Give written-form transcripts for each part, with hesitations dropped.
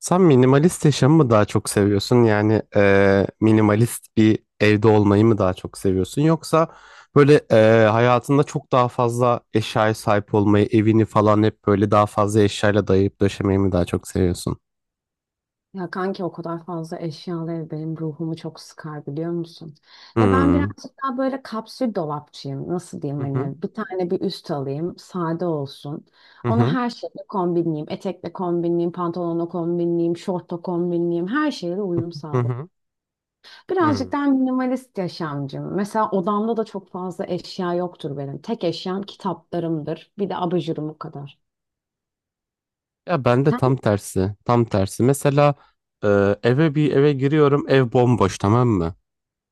Sen minimalist yaşamı mı daha çok seviyorsun? Yani minimalist bir evde olmayı mı daha çok seviyorsun? Yoksa böyle hayatında çok daha fazla eşyaya sahip olmayı, evini falan hep böyle daha fazla eşyayla dayayıp döşemeyi mi daha çok seviyorsun? Ya kanki o kadar fazla eşyalı ev benim ruhumu çok sıkar biliyor musun? Ya ben Hmm. birazcık daha böyle kapsül dolapçıyım. Nasıl Hı diyeyim hı. hani bir tane bir üst alayım sade olsun. Hı Onu hı. her şeyle kombinleyeyim. Etekle kombinleyeyim, pantolonla kombinleyeyim, şortla kombinleyeyim. Her şeyle uyum Hı sağlayayım. hı. Birazcık Hmm. daha minimalist yaşamcım. Mesela odamda da çok fazla eşya yoktur benim. Tek eşyam kitaplarımdır. Bir de abajurumum kadar. Ya ben de Sen? tam tersi. Tam tersi. Mesela eve bir eve giriyorum, ev bomboş, tamam mı?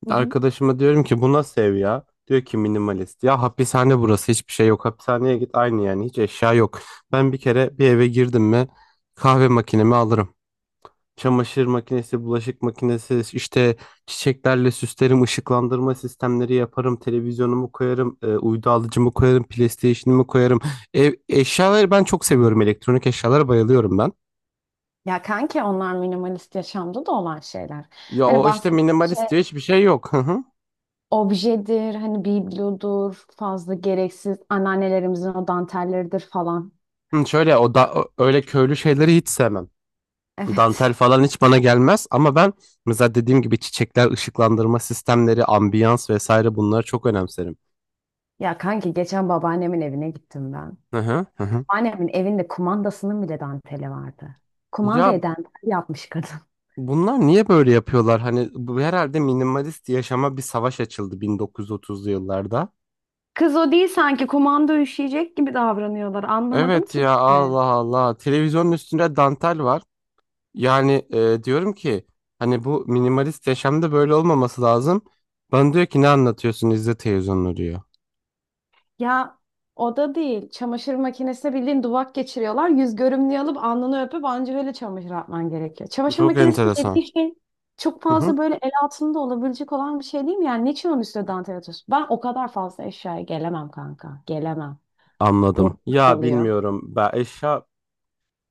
Arkadaşıma diyorum ki bu nasıl ev ya? Diyor ki minimalist. Ya hapishane burası, hiçbir şey yok. Hapishaneye git aynı, yani hiç eşya yok. Ben bir kere bir eve girdim mi kahve makinemi alırım. Çamaşır makinesi, bulaşık makinesi, işte çiçeklerle süslerim, ışıklandırma sistemleri yaparım, televizyonumu koyarım, uydu alıcımı koyarım, PlayStation'ımı koyarım. Ev, eşyaları ben çok seviyorum, elektronik eşyalara bayılıyorum ben. Ya kanki onlar minimalist yaşamda da olan şeyler. Ya Hani o işte bahsettiğim şey minimalist diyor, hiçbir şey yok. Hı hı. objedir, hani biblodur, fazla gereksiz anneannelerimizin o dantelleridir falan. Hı, şöyle o da öyle köylü şeyleri hiç sevmem. Dantel Evet. falan hiç bana gelmez ama ben mesela dediğim gibi çiçekler, ışıklandırma sistemleri, ambiyans vesaire, bunları çok önemserim. Ya kanki geçen babaannemin evine gittim ben. Hı hı, hı hı. Babaannemin evinde kumandasının bile danteli vardı. Ya Kumandayı dantel yapmış kadın. bunlar niye böyle yapıyorlar? Hani bu herhalde minimalist yaşama bir savaş açıldı 1930'lu yıllarda. Kız o değil, sanki kumanda üşüyecek gibi davranıyorlar. Anlamadım Evet ki ya, ben de. Allah Allah. Televizyonun üstünde dantel var. Yani diyorum ki hani bu minimalist yaşamda böyle olmaması lazım. Bana diyor ki ne anlatıyorsun, izle televizyonunu diyor. Ya o da değil. Çamaşır makinesine bildiğin duvak geçiriyorlar. Yüz görümlüğü alıp alnını öpüp anca öyle çamaşır atman gerekiyor. Çamaşır Çok makinesi enteresan. dediğin şey çok Hı hı. fazla böyle el altında olabilecek olan bir şey, değil mi? Yani niçin onun üstüne dantel atıyorsun? Ben o kadar fazla eşyaya gelemem kanka. Gelemem. Ruh Anladım. Ya alıyor. bilmiyorum. Ben eşya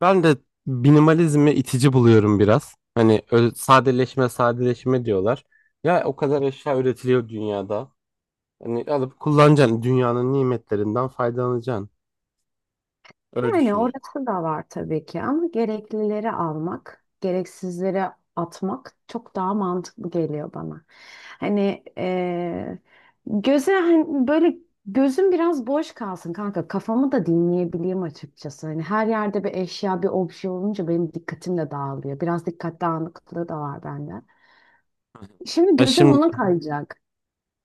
ben de minimalizmi itici buluyorum biraz. Hani sadeleşme sadeleşme diyorlar. Ya o kadar eşya üretiliyor dünyada. Hani alıp kullanacaksın. Dünyanın nimetlerinden faydalanacaksın. Öyle Yani düşünüyorum. orası da var tabii ki ama gereklileri almak, gereksizleri atmak çok daha mantıklı geliyor bana. Hani göze hani böyle gözüm biraz boş kalsın kanka, kafamı da dinleyebileyim açıkçası. Hani her yerde bir eşya bir obje olunca benim dikkatim de dağılıyor. Biraz dikkat dağınıklığı da var bende. Şimdi Ya gözüm şimdi ona kayacak.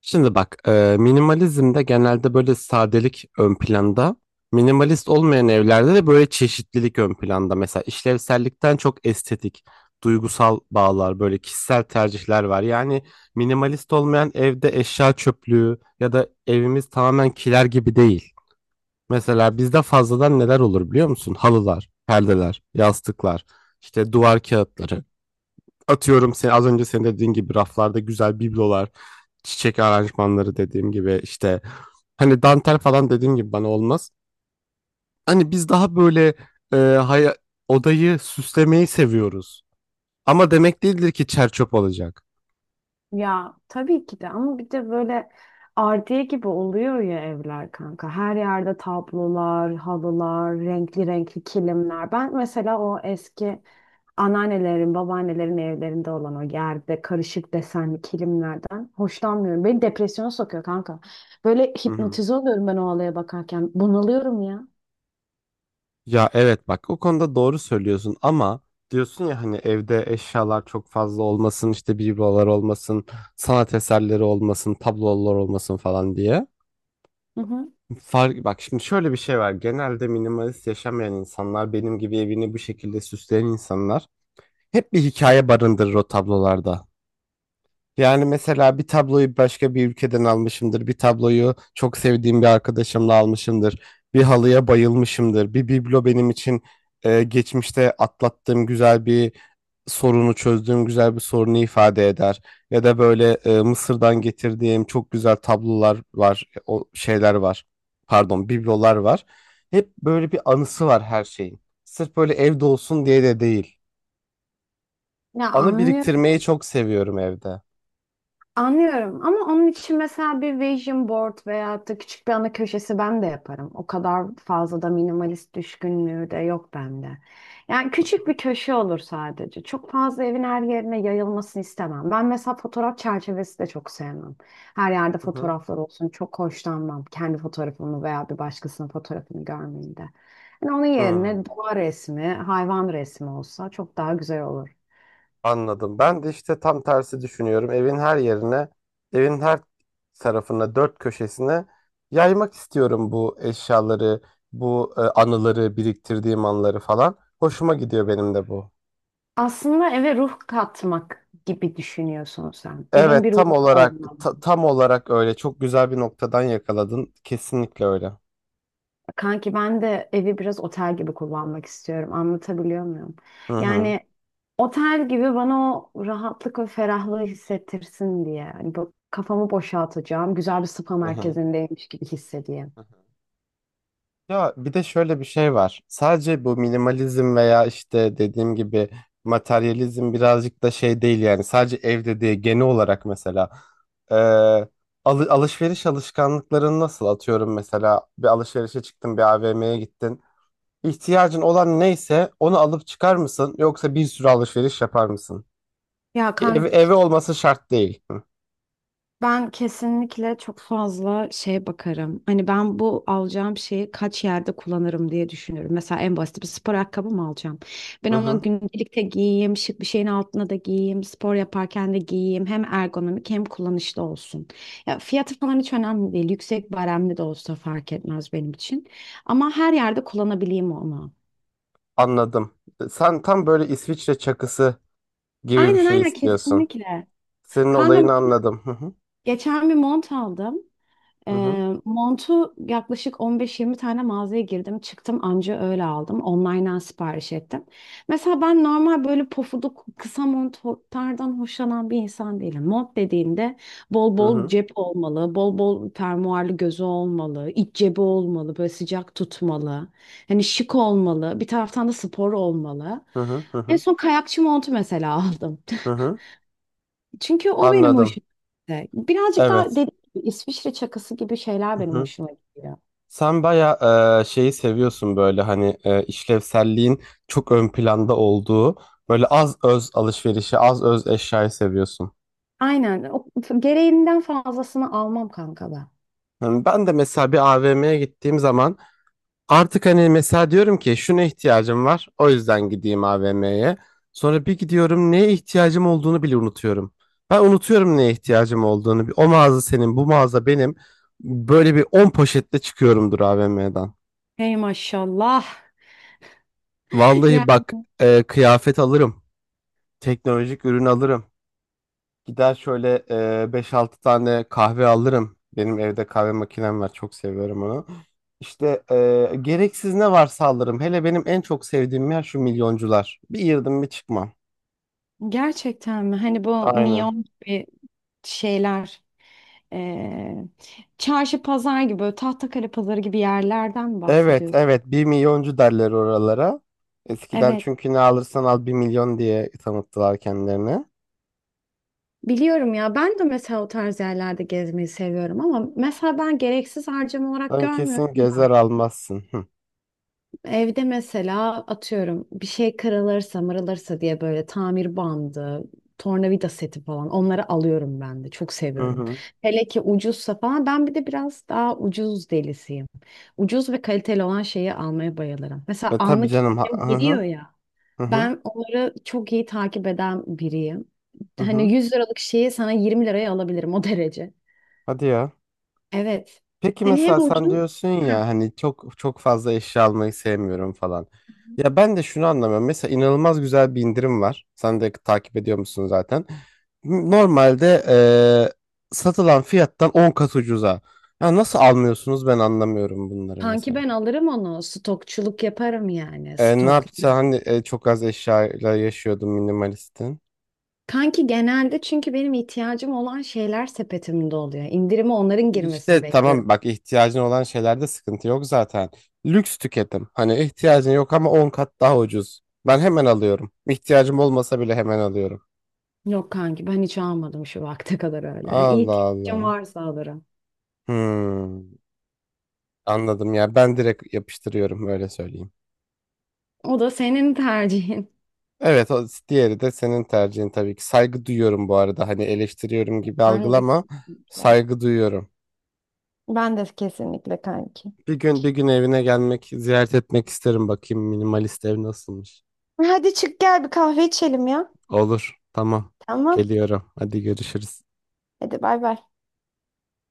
Şimdi bak, minimalizmde genelde böyle sadelik ön planda. Minimalist olmayan evlerde de böyle çeşitlilik ön planda. Mesela işlevsellikten çok estetik, duygusal bağlar, böyle kişisel tercihler var. Yani minimalist olmayan evde eşya çöplüğü ya da evimiz tamamen kiler gibi değil. Mesela bizde fazladan neler olur biliyor musun? Halılar, perdeler, yastıklar, işte duvar kağıtları. Atıyorum, sen az önce senin dediğin gibi raflarda güzel biblolar, çiçek aranjmanları, dediğim gibi işte hani dantel falan dediğim gibi bana olmaz. Hani biz daha böyle e, haya- odayı süslemeyi seviyoruz. Ama demek değildir ki çerçöp olacak. Ya tabii ki de, ama bir de böyle ardiye gibi oluyor ya evler kanka. Her yerde tablolar, halılar, renkli renkli kilimler. Ben mesela o eski anneannelerin, babaannelerin evlerinde olan o yerde karışık desenli kilimlerden hoşlanmıyorum. Beni depresyona sokuyor kanka. Böyle Hı hı. hipnotize oluyorum ben o halaya bakarken. Bunalıyorum ya. Ya evet bak, o konuda doğru söylüyorsun ama diyorsun ya hani evde eşyalar çok fazla olmasın, işte biblolar olmasın, sanat eserleri olmasın, tablolar olmasın falan diye. Hı hı. Fark, bak şimdi şöyle bir şey var, genelde minimalist yaşamayan insanlar, benim gibi evini bu şekilde süsleyen insanlar hep bir hikaye barındırır o tablolarda. Yani mesela bir tabloyu başka bir ülkeden almışımdır. Bir tabloyu çok sevdiğim bir arkadaşımla almışımdır. Bir halıya bayılmışımdır. Bir biblo benim için e, geçmişte atlattığım güzel bir sorunu çözdüğüm güzel bir sorunu ifade eder. Ya da böyle Mısır'dan getirdiğim çok güzel tablolar var. O şeyler var. Pardon, biblolar var. Hep böyle bir anısı var her şeyin. Sırf böyle evde olsun diye de değil. Ya Anı biriktirmeyi anlıyorum. çok seviyorum evde. Hı Anlıyorum ama onun için mesela bir vision board veya da küçük bir ana köşesi ben de yaparım. O kadar fazla da minimalist düşkünlüğü de yok bende. Yani küçük hı. bir köşe olur sadece. Çok fazla evin her yerine yayılmasını istemem. Ben mesela fotoğraf çerçevesi de çok sevmem. Her yerde Hı hı. fotoğraflar olsun çok hoşlanmam. Kendi fotoğrafımı veya bir başkasının fotoğrafını görmeyi de. Yani onun yerine Hmm, doğa resmi, hayvan resmi olsa çok daha güzel olur. anladım. Ben de işte tam tersi düşünüyorum. Evin her yerine, evin her tarafına, dört köşesine yaymak istiyorum bu eşyaları, bu anıları, biriktirdiğim anıları falan. Hoşuma gidiyor benim de bu. Aslında eve ruh katmak gibi düşünüyorsun sen. Evin Evet, bir tam ruhu olarak olmalı. Tam olarak öyle. Çok güzel bir noktadan yakaladın. Kesinlikle öyle. Kanki ben de evi biraz otel gibi kullanmak istiyorum. Anlatabiliyor muyum? Hı hı. Yani otel gibi bana o rahatlık ve ferahlığı hissettirsin diye. Hani bu kafamı boşaltacağım. Güzel bir spa Hı merkezindeymiş gibi hissedeyim. hı. Ya bir de şöyle bir şey var. Sadece bu minimalizm veya işte dediğim gibi materyalizm birazcık da şey değil yani. Sadece evde değil, genel olarak mesela. Ee, Alışveriş alışkanlıkların nasıl, atıyorum mesela bir alışverişe çıktın, bir AVM'ye gittin. İhtiyacın olan neyse onu alıp çıkar mısın, yoksa bir sürü alışveriş yapar mısın? Ya kanka, Evi olması şart değil. Hı ben kesinlikle çok fazla şeye bakarım. Hani ben bu alacağım şeyi kaç yerde kullanırım diye düşünüyorum. Mesela en basit, bir spor ayakkabı mı alacağım? Ben hı. onu Hı. gündelikte giyeyim, şık bir şeyin altına da giyeyim, spor yaparken de giyeyim. Hem ergonomik hem kullanışlı olsun. Ya fiyatı falan hiç önemli değil. Yüksek baremli de olsa fark etmez benim için. Ama her yerde kullanabileyim onu. Anladım. Sen tam böyle İsviçre çakısı gibi bir Aynen, şey aynen, istiyorsun. kesinlikle. Senin Kanka olayını mesela anladım. Hı hı. geçen bir mont aldım. Hı hı. Montu yaklaşık 15-20 tane mağazaya girdim. Çıktım anca öyle aldım. Online'dan sipariş ettim. Mesela ben normal böyle pofuduk kısa montlardan hoşlanan bir insan değilim. Mont dediğimde bol Hı bol hı. cep olmalı, bol bol fermuarlı gözü olmalı, iç cebi olmalı, böyle sıcak tutmalı. Hani şık olmalı, bir taraftan da spor olmalı. Hı hı. Hı En hı. son kayakçı montu mesela aldım. Hı hı. Çünkü o benim hoşuma Anladım. gitti. Birazcık daha Evet. dediğim gibi İsviçre çakısı gibi şeyler Hı benim hı. hoşuma gidiyor. Sen bayağı şeyi seviyorsun, böyle hani işlevselliğin çok ön planda olduğu, böyle az öz alışverişi, az öz eşyayı seviyorsun. Aynen. O, gereğinden fazlasını almam kanka ben. Yani ben de mesela bir AVM'ye gittiğim zaman, artık hani mesela diyorum ki şuna ihtiyacım var. O yüzden gideyim AVM'ye. Sonra bir gidiyorum, neye ihtiyacım olduğunu bile unutuyorum. Ben unutuyorum neye ihtiyacım olduğunu. O mağaza senin, bu mağaza benim. Böyle bir 10 poşetle çıkıyorumdur AVM'den. Hey maşallah. Vallahi Yani bak, kıyafet alırım. Teknolojik ürün alırım. Gider şöyle, 5-6 tane kahve alırım. Benim evde kahve makinem var. Çok seviyorum onu. İşte gereksiz ne varsa alırım. Hele benim en çok sevdiğim yer şu milyoncular. Bir girdim bir çıkmam. gerçekten mi? Hani bu Aynen. miyon gibi şeyler. eee, Çarşı pazar gibi böyle Tahtakale pazarı gibi yerlerden mi Evet bahsediyorsun? evet, bir milyoncu derler oralara. Eskiden Evet. çünkü ne alırsan al bir milyon diye tanıttılar kendilerini. Biliyorum ya, ben de mesela o tarz yerlerde gezmeyi seviyorum ama mesela ben gereksiz harcama olarak Sen görmüyorum kesin da. gezer almazsın. Hı Evde mesela atıyorum bir şey kırılırsa mırılırsa diye böyle tamir bandı, tornavida seti falan, onları alıyorum ben de çok hı. seviyorum. Hı. Hele ki ucuzsa falan, ben bir de biraz daha ucuz delisiyim. Ucuz ve kaliteli olan şeyi almaya bayılırım. Mesela E tabii anlık canım. İndirim Hı hı. geliyor ya, Hı hı. ben onları çok iyi takip eden biriyim. Hı hı. Hani 100 liralık şeyi sana 20 liraya alabilirim o derece. Hadi ya. Evet. Peki Hani hem mesela sen ucuz, diyorsun ya hani çok çok fazla eşya almayı sevmiyorum falan. Ya ben de şunu anlamıyorum. Mesela inanılmaz güzel bir indirim var. Sen de takip ediyor musun zaten? Normalde satılan fiyattan 10 kat ucuza. Ya nasıl almıyorsunuz, ben anlamıyorum bunları kanki mesela. ben alırım onu. Stokçuluk yaparım yani. Ne yapacağım, Stoklarım. hani çok az eşyayla yaşıyordum minimalistin. Kanki genelde, çünkü benim ihtiyacım olan şeyler sepetimde oluyor. İndirime onların girmesini İşte tamam bekliyorum. bak, ihtiyacın olan şeylerde sıkıntı yok zaten. Lüks tüketim. Hani ihtiyacın yok ama 10 kat daha ucuz. Ben hemen alıyorum. İhtiyacım olmasa bile hemen alıyorum. Yok kanki, ben hiç almadım şu vakte kadar öyle. Allah İhtiyacım Allah. varsa alırım. Hmm, anladım ya. Ben direkt yapıştırıyorum, öyle söyleyeyim. O da senin tercihin. Evet, o diğeri de senin tercihin tabii ki. Saygı duyuyorum bu arada. Hani eleştiriyorum gibi Ben de algılama. kesinlikle. Saygı duyuyorum. Ben de kesinlikle kanki. Bir gün bir gün evine gelmek, ziyaret etmek isterim, bakayım minimalist ev nasılmış. Hadi çık gel bir kahve içelim ya. Olur. Tamam. Tamam. Geliyorum. Hadi görüşürüz. Hadi bay bay.